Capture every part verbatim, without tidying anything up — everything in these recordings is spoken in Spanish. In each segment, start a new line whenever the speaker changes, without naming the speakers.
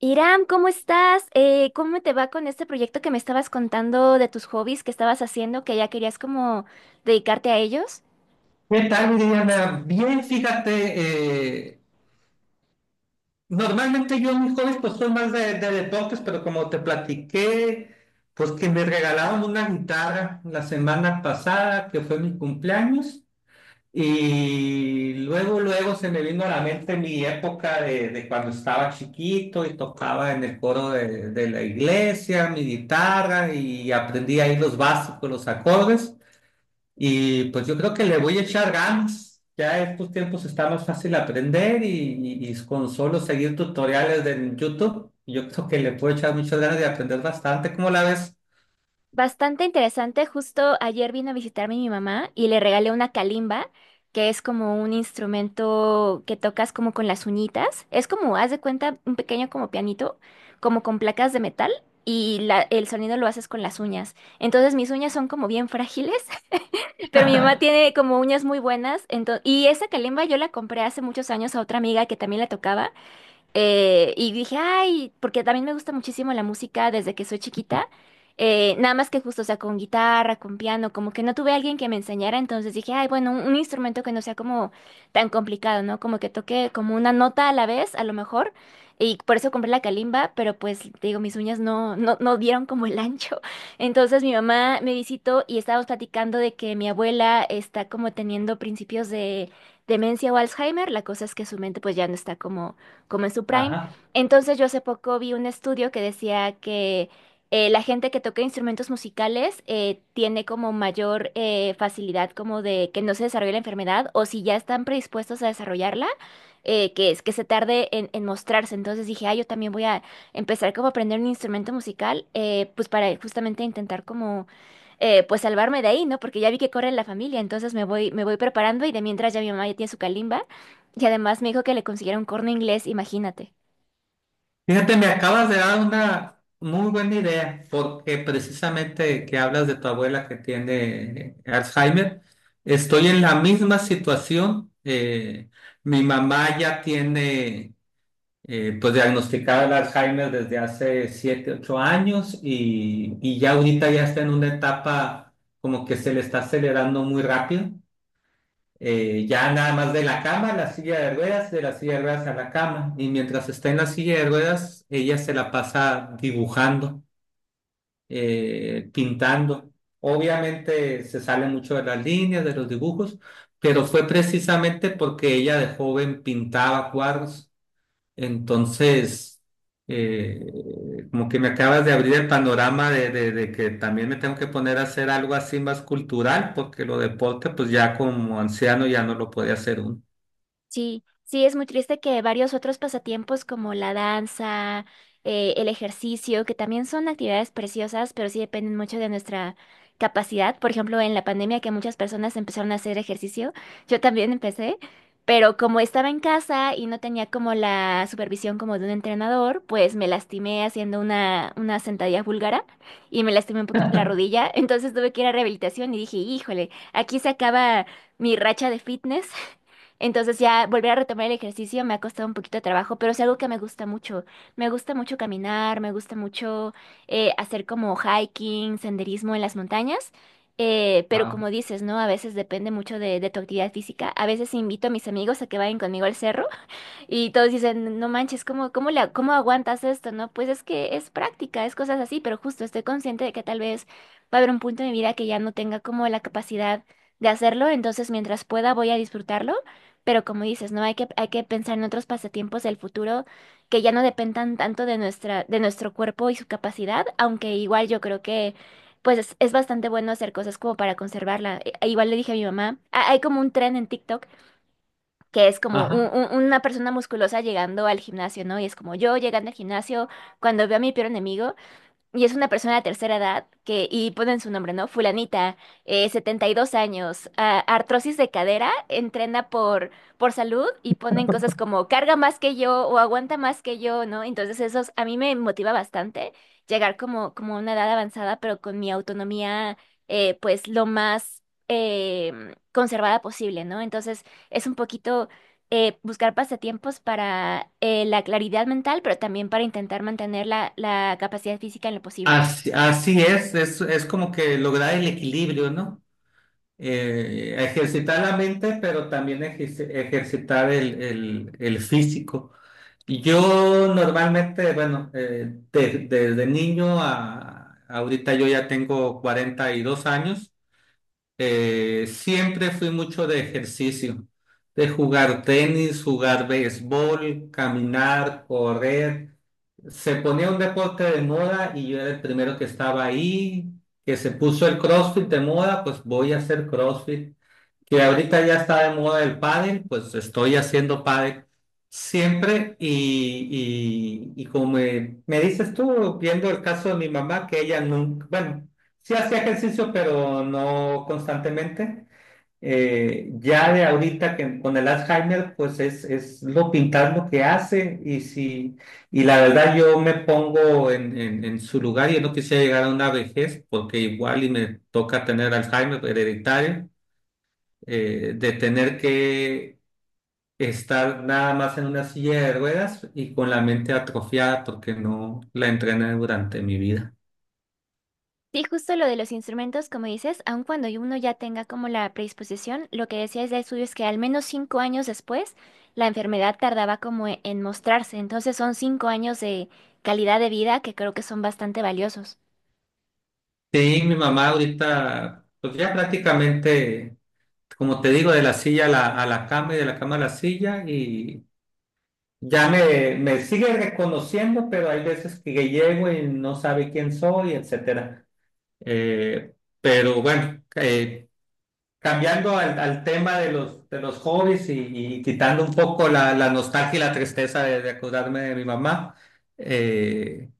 Iram, ¿cómo estás? Eh, ¿cómo te va con este proyecto que me estabas contando de tus hobbies que estabas haciendo, que ya querías como dedicarte a ellos?
¿Qué tal, Diana? Bien, fíjate, eh, normalmente yo en mis hobbies pues soy más de, de deportes, pero como te platiqué, pues que me regalaron una guitarra la semana pasada, que fue mi cumpleaños, y luego, luego se me vino a la mente mi época de, de cuando estaba chiquito y tocaba en el coro de, de la iglesia, mi guitarra, y aprendí ahí los básicos, los acordes. Y pues yo creo que le voy a echar ganas. Ya estos tiempos está más fácil aprender y, y- y con solo seguir tutoriales de YouTube, yo creo que le puedo echar muchas ganas de aprender bastante. ¿Cómo la ves?
Bastante interesante. Justo ayer vino a visitarme mi mamá y le regalé una calimba, que es como un instrumento que tocas como con las uñitas. Es como, haz de cuenta, un pequeño como pianito, como con placas de metal y la- el sonido lo haces con las uñas. Entonces mis uñas son como bien frágiles. Pero mi mamá tiene como uñas muy buenas. Entonces y esa calimba yo la compré hace muchos años a otra amiga que también la tocaba. Eh, y dije, ay, porque también me gusta muchísimo la música desde que soy chiquita. Eh, nada más que justo, o sea, con guitarra, con piano, como que no tuve alguien que me enseñara, entonces dije, ay, bueno, un, un instrumento que no sea como tan complicado, ¿no? Como que toque como una nota a la vez, a lo mejor. Y por eso compré la calimba, pero pues, te digo, mis uñas no, no, no dieron como el ancho. Entonces mi mamá me visitó y estábamos platicando de que mi abuela está como teniendo principios de demencia o Alzheimer. La cosa es que su mente pues ya no está como como en su prime.
Ajá.
Entonces yo hace poco vi un estudio que decía que eh, la gente que toca instrumentos musicales eh, tiene como mayor eh, facilidad como de que no se desarrolle la enfermedad o si ya están predispuestos a desarrollarla, eh, que es que se tarde en, en mostrarse. Entonces dije, ah, yo también voy a empezar como a aprender un instrumento musical, eh, pues para justamente intentar como eh, pues salvarme de ahí, ¿no? Porque ya vi que corre en la familia, entonces me voy, me voy preparando y de mientras ya mi mamá ya tiene su calimba y además me dijo que le consiguiera un corno inglés, imagínate.
Fíjate, me acabas de dar una muy buena idea, porque precisamente que hablas de tu abuela que tiene Alzheimer, estoy en la misma situación. Eh, mi mamá ya tiene. Eh, pues diagnosticada el Alzheimer desde hace siete ocho años y, y ya ahorita ya está en una etapa como que se le está acelerando muy rápido. Eh, ya nada más de la cama a la silla de ruedas, de la silla de ruedas a la cama. Y mientras está en la silla de ruedas, ella se la pasa dibujando, eh, pintando. Obviamente se sale mucho de las líneas, de los dibujos, pero fue precisamente porque ella de joven pintaba cuadros. Entonces, eh, como que me acabas de abrir el panorama de, de- de que también me tengo que poner a hacer algo así más cultural, porque lo deporte, pues ya como anciano ya no lo podía hacer uno.
Sí, sí, es muy triste que varios otros pasatiempos como la danza, eh, el ejercicio, que también son actividades preciosas, pero sí dependen mucho de nuestra capacidad. Por ejemplo, en la pandemia que muchas personas empezaron a hacer ejercicio, yo también empecé, pero como estaba en casa y no tenía como la supervisión como de un entrenador, pues me lastimé haciendo una, una sentadilla búlgara y me lastimé un poquito la rodilla, entonces tuve que ir a rehabilitación y dije, híjole, aquí se acaba mi racha de fitness. Entonces ya volver a retomar el ejercicio me ha costado un poquito de trabajo, pero es algo que me gusta mucho. Me gusta mucho caminar, me gusta mucho eh, hacer como hiking, senderismo en las montañas. Eh, pero
Wow.
como dices, ¿no? A veces depende mucho de, de tu actividad física. A veces invito a mis amigos a que vayan conmigo al cerro y todos dicen, no manches, ¿cómo, cómo la, cómo aguantas esto? ¿No? Pues es que es práctica, es cosas así, pero justo estoy consciente de que tal vez va a haber un punto en mi vida que ya no tenga como la capacidad de hacerlo, entonces mientras pueda voy a disfrutarlo, pero como dices, ¿no? Hay que, hay que pensar en otros pasatiempos del futuro que ya no dependan tanto de nuestra, de nuestro cuerpo y su capacidad, aunque igual yo creo que pues es, es bastante bueno hacer cosas como para conservarla. E- e Igual le dije a mi mamá: "Ah, hay como un tren en TikTok que es como un-
Ajá.
un- una persona musculosa llegando al gimnasio, ¿no? Y es como yo llegando al gimnasio cuando veo a mi peor enemigo y es una persona de tercera edad que y ponen su nombre, ¿no? Fulanita, eh, setenta y dos años, ah, artrosis de cadera, entrena por por salud y ponen cosas como carga más que yo o aguanta más que yo, ¿no? Entonces eso a mí me motiva bastante llegar como como a una edad avanzada, pero con mi autonomía eh, pues lo más eh, conservada posible, ¿no? Entonces es un poquito eh, buscar pasatiempos para eh, la claridad mental, pero también para intentar mantener la, la capacidad física en lo posible.
Así, así es, es, es como que lograr el equilibrio, ¿no? Eh, ejercitar la mente, pero también ejerci- ejercitar el, el, el físico. Yo normalmente, bueno, eh, de- desde niño a ahorita yo ya tengo cuarenta y dos años, eh, siempre fui mucho de ejercicio, de jugar tenis, jugar béisbol, caminar, correr. Se ponía un deporte de moda y yo era el primero que estaba ahí, que se puso el CrossFit de moda, pues voy a hacer CrossFit, que ahorita ya está de moda el pádel, pues estoy haciendo pádel siempre y, y, y como me, me dices tú, viendo el caso de mi mamá, que ella nunca, bueno, sí hacía ejercicio, pero no constantemente. Eh, ya de ahorita que con el Alzheimer, pues es, es lo pintar lo que hace. Y si, y la verdad yo me pongo en, en, en su lugar y no quisiera llegar a una vejez porque igual y me toca tener Alzheimer hereditario, eh, de tener que estar nada más en una silla de ruedas y con la mente atrofiada porque no la entrené durante mi vida.
Sí, justo lo de los instrumentos, como dices, aun cuando uno ya tenga como la predisposición, lo que decía decías el estudio es que al menos cinco años después la enfermedad tardaba como e- en mostrarse. Entonces son cinco años de calidad de vida que creo que son bastante valiosos.
Sí, mi mamá ahorita, pues ya prácticamente, como te digo, de la silla a la, a la cama y de la cama a la silla y ya me, me sigue reconociendo, pero hay veces que llego y no sabe quién soy, etcétera. Eh, pero bueno, eh, cambiando al, al tema de los, de los hobbies y, y quitando un poco la, la nostalgia y la tristeza de, de acordarme de mi mamá, eh,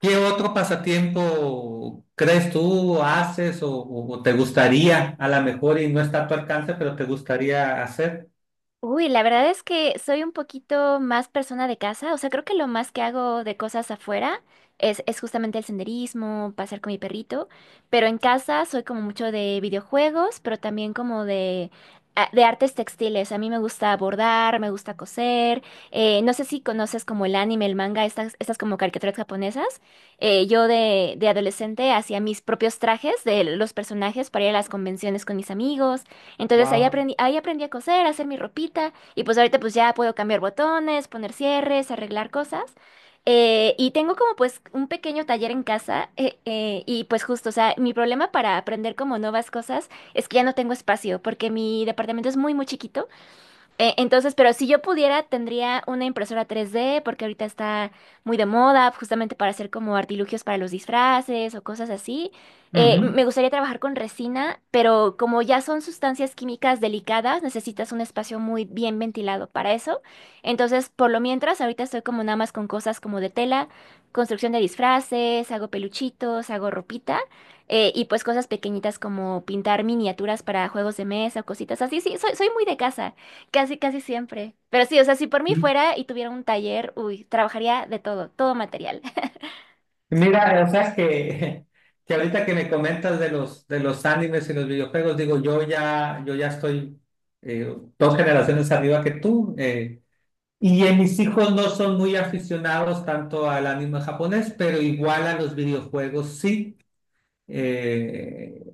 ¿qué otro pasatiempo crees tú haces o, o- o te gustaría, a lo mejor y no está a tu alcance, pero te gustaría hacer?
Uy, la verdad es que soy un poquito más persona de casa, o sea, creo que lo más que hago de cosas afuera es, es justamente el senderismo, pasear con mi perrito, pero en casa soy como mucho de videojuegos, pero también como de, a- de artes textiles. A mí me gusta bordar, me gusta coser, eh, no sé si conoces como el anime, el manga, estas, estas como caricaturas japonesas. Eh, yo de, de adolescente hacía mis propios trajes de los personajes para ir a las convenciones con mis amigos. Entonces ahí
Wow.
aprendí, ahí aprendí a coser, a hacer mi ropita y pues ahorita pues ya puedo cambiar botones, poner cierres, arreglar cosas. Eh, y tengo como pues un pequeño taller en casa eh, eh, y pues justo, o sea, mi problema para aprender como nuevas cosas es que ya no tengo espacio porque mi departamento es muy muy chiquito. Eh, entonces, pero si yo pudiera, tendría una impresora tres D, porque ahorita está muy de moda, justamente para hacer como artilugios para los disfraces o cosas así. Eh, m-
Ujú.
me gustaría trabajar con resina, pero como ya son sustancias químicas delicadas, necesitas un espacio muy bien ventilado para eso. Entonces, por lo mientras, ahorita estoy como nada más con cosas como de tela, construcción de disfraces, hago peluchitos, hago ropita. Eh, y pues cosas pequeñitas como pintar miniaturas para juegos de mesa o cositas así. Sí, soy, soy muy de casa. Casi, casi siempre. Pero sí, o sea, si por mí
M-
fuera y tuviera un taller, uy, trabajaría de todo, todo material.
Mira, o sea que, que ahorita que me comentas de los, de los animes y los videojuegos, digo, yo ya, yo ya estoy eh, dos generaciones arriba que tú. eh, Y eh, mis hijos no son muy aficionados tanto al anime japonés, pero igual a los videojuegos sí. Eh,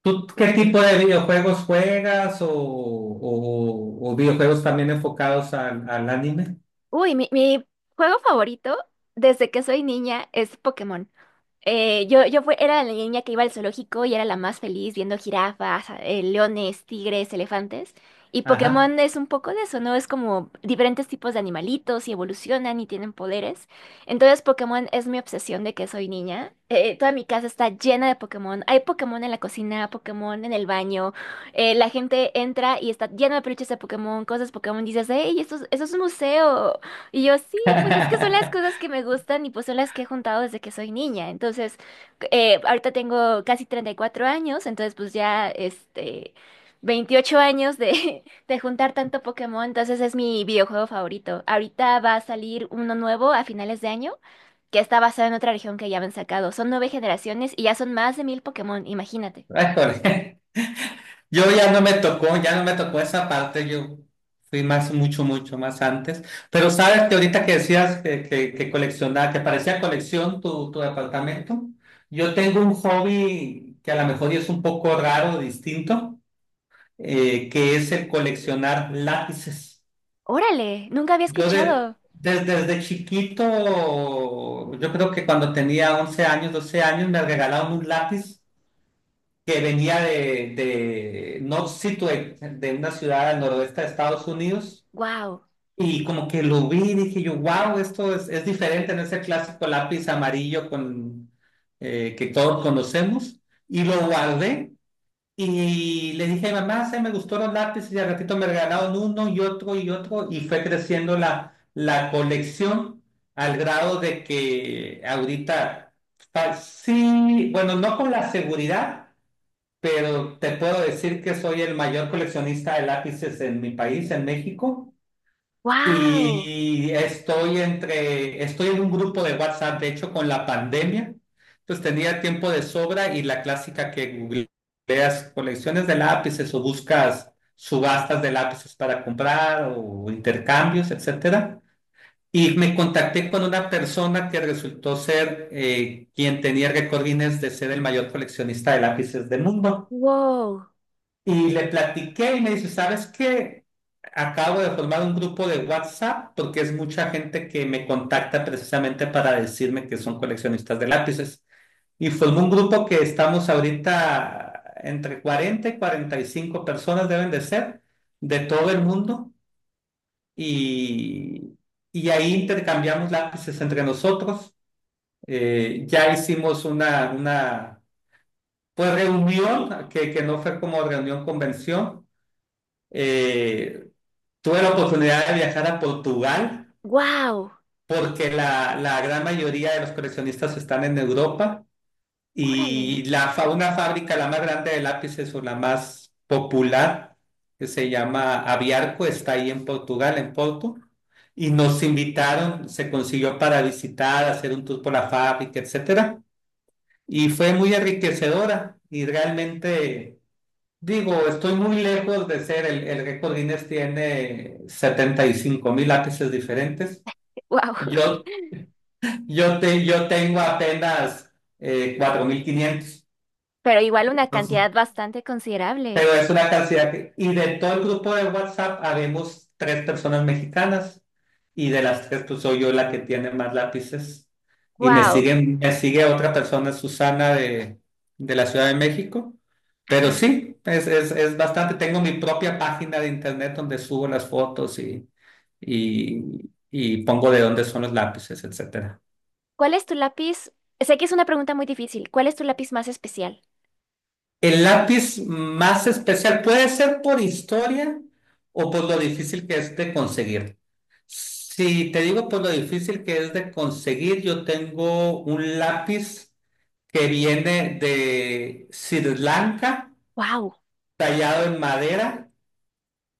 ¿Tú qué tipo de videojuegos juegas o, o- o videojuegos también enfocados al, al anime?
Uy, mi, mi juego favorito desde que soy niña es Pokémon. Eh, yo, yo fue, era la niña que iba al zoológico y era la más feliz viendo jirafas, eh, leones, tigres, elefantes. Y
Ajá.
Pokémon es un poco de eso, ¿no? Es como diferentes tipos de animalitos y evolucionan y tienen poderes. Entonces Pokémon es mi obsesión de que soy niña. Eh, toda mi casa está llena de Pokémon. Hay Pokémon en la cocina, Pokémon en el baño. Eh, la gente entra y está llena de peluches de Pokémon, cosas Pokémon. Dices, hey, esto, es- esto es un museo y yo, sí, pues es que son las cosas que me gustan y pues son las que he juntado desde que soy niña. Entonces, eh, ahorita tengo casi treinta y cuatro años, entonces pues ya, este, veintiocho años de, de juntar tanto Pokémon, entonces es mi videojuego favorito. Ahorita va a salir uno nuevo a finales de año, que está basado en otra región que ya habían sacado. Son nueve generaciones y ya son más de mil Pokémon, imagínate.
Ay, joder. Yo ya no me tocó, ya no me tocó esa parte, yo fui más, mucho, mucho más antes. Pero sabes que ahorita que decías que, que, que coleccionaba, que parecía colección tu, tu departamento, yo tengo un hobby que a lo mejor es un poco raro, distinto, eh, que es el coleccionar lápices.
Órale, nunca había
Yo de,
escuchado.
des- desde chiquito, yo creo que cuando tenía once años, doce años, me regalaron un lápiz que venía de, de North Situate, de una ciudad al noroeste de Estados Unidos,
Wow,
y como que lo vi y dije yo, wow, esto es, es diferente en ese clásico lápiz amarillo con, eh, que todos conocemos, y lo guardé. Y le dije, mamá, se me gustó los lápices y al ratito me regalaron uno y otro y otro y fue creciendo la, la colección al grado de que ahorita, fa- sí, bueno, no con la seguridad, pero te puedo decir que soy el mayor coleccionista de lápices en mi país, en México,
wow,
y estoy entre, estoy en un grupo de WhatsApp, de hecho, con la pandemia, pues tenía tiempo de sobra y la clásica que googleas colecciones de lápices o buscas subastas de lápices para comprar o intercambios, etcétera. Y me contacté con una persona que resultó ser eh, quien tenía récord Guinness de ser el mayor coleccionista de lápices del mundo.
wow,
Y le platiqué y me dice, ¿sabes qué? Acabo de formar un grupo de WhatsApp porque es mucha gente que me contacta precisamente para decirme que son coleccionistas de lápices. Y formé un grupo que estamos ahorita entre cuarenta y cuarenta y cinco personas deben de ser de todo el mundo y, y ahí intercambiamos lápices entre nosotros. Eh, ya hicimos una, una pues, reunión que, que no fue como reunión convención. Eh, Tuve la oportunidad de viajar a Portugal
wow,
porque la, la gran mayoría de los coleccionistas están en Europa y
órale,
la fa- una fábrica, la más grande de lápices o la más popular, que se llama Aviarco, está ahí en Portugal, en Porto, y nos invitaron, se consiguió para visitar, hacer un tour por la fábrica, etcétera, y fue muy enriquecedora y realmente, digo, estoy muy lejos de ser el, el récord Guinness tiene setenta y cinco mil lápices diferentes.
wow.
Yo, yo, te, yo tengo apenas eh, cuatro mil quinientos.
Pero igual una
Entonces,
cantidad bastante considerable.
pero es una cantidad que... Y de todo el grupo de WhatsApp habemos tres personas mexicanas y de las tres pues soy yo la que tiene más lápices. Y me
Wow.
siguen, me sigue otra persona, Susana, de, de la Ciudad de México. Pero sí, es, es, es bastante. Tengo mi propia página de internet donde subo las fotos y, y, y pongo de dónde son los lápices, etcétera.
¿Cuál es tu lápiz? Sé que es una pregunta muy difícil. ¿Cuál es tu lápiz más especial?
El lápiz más especial puede ser por historia o por lo difícil que es de conseguir. Si te digo por lo difícil que es de conseguir, yo tengo un lápiz que viene de Sri Lanka,
Wow,
tallado en madera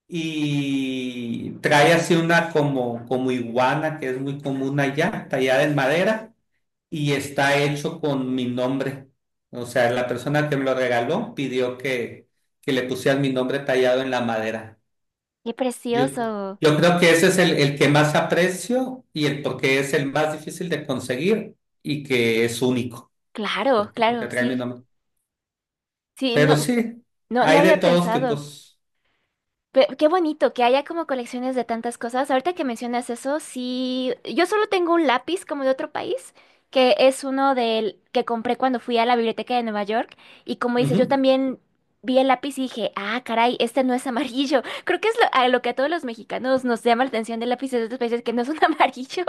y trae así una como, como iguana que es muy común allá, tallada en madera y está hecho con mi nombre. O sea, la persona que me lo regaló pidió que, que le pusieran mi nombre tallado en la madera.
qué
Yo,
precioso.
yo creo que ese es el, el que más aprecio y el porque es el más difícil de conseguir y que es único,
Claro,
porque, porque
claro,
trae mi
sí.
nombre.
Sí, no,
Pero sí,
no, no
hay de
había
todos
pensado.
tipos.
Pe- qué bonito que haya como colecciones de tantas cosas. Ahorita que mencionas eso, sí, yo solo tengo un lápiz como de otro país, que es uno del que compré cuando fui a la biblioteca de Nueva York. Y como dices, yo
Ujú,
también vi el lápiz y dije, ah, caray, este no es amarillo. Creo que es lo, a lo que a todos los mexicanos nos llama la atención de lápices de otros países que no son amarillos.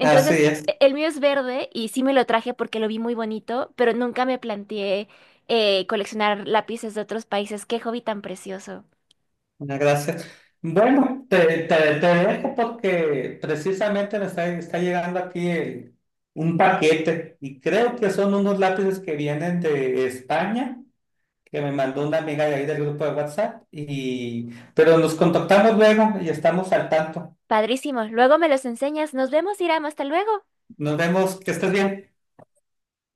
así es,
e- el mío es verde y sí me lo traje porque lo vi muy bonito, pero nunca me planteé eh, coleccionar lápices de otros países. Qué hobby tan precioso.
muchas gracias. Bueno, te, te, te dejo porque precisamente me está, está llegando aquí el- un paquete y creo que son unos lápices que vienen de España, que me mandó una amiga de ahí del grupo de WhatsApp y pero nos contactamos luego y estamos al tanto.
Padrísimos. Luego me los enseñas. Nos vemos, Iram. Hasta luego.
Nos vemos, que estés bien.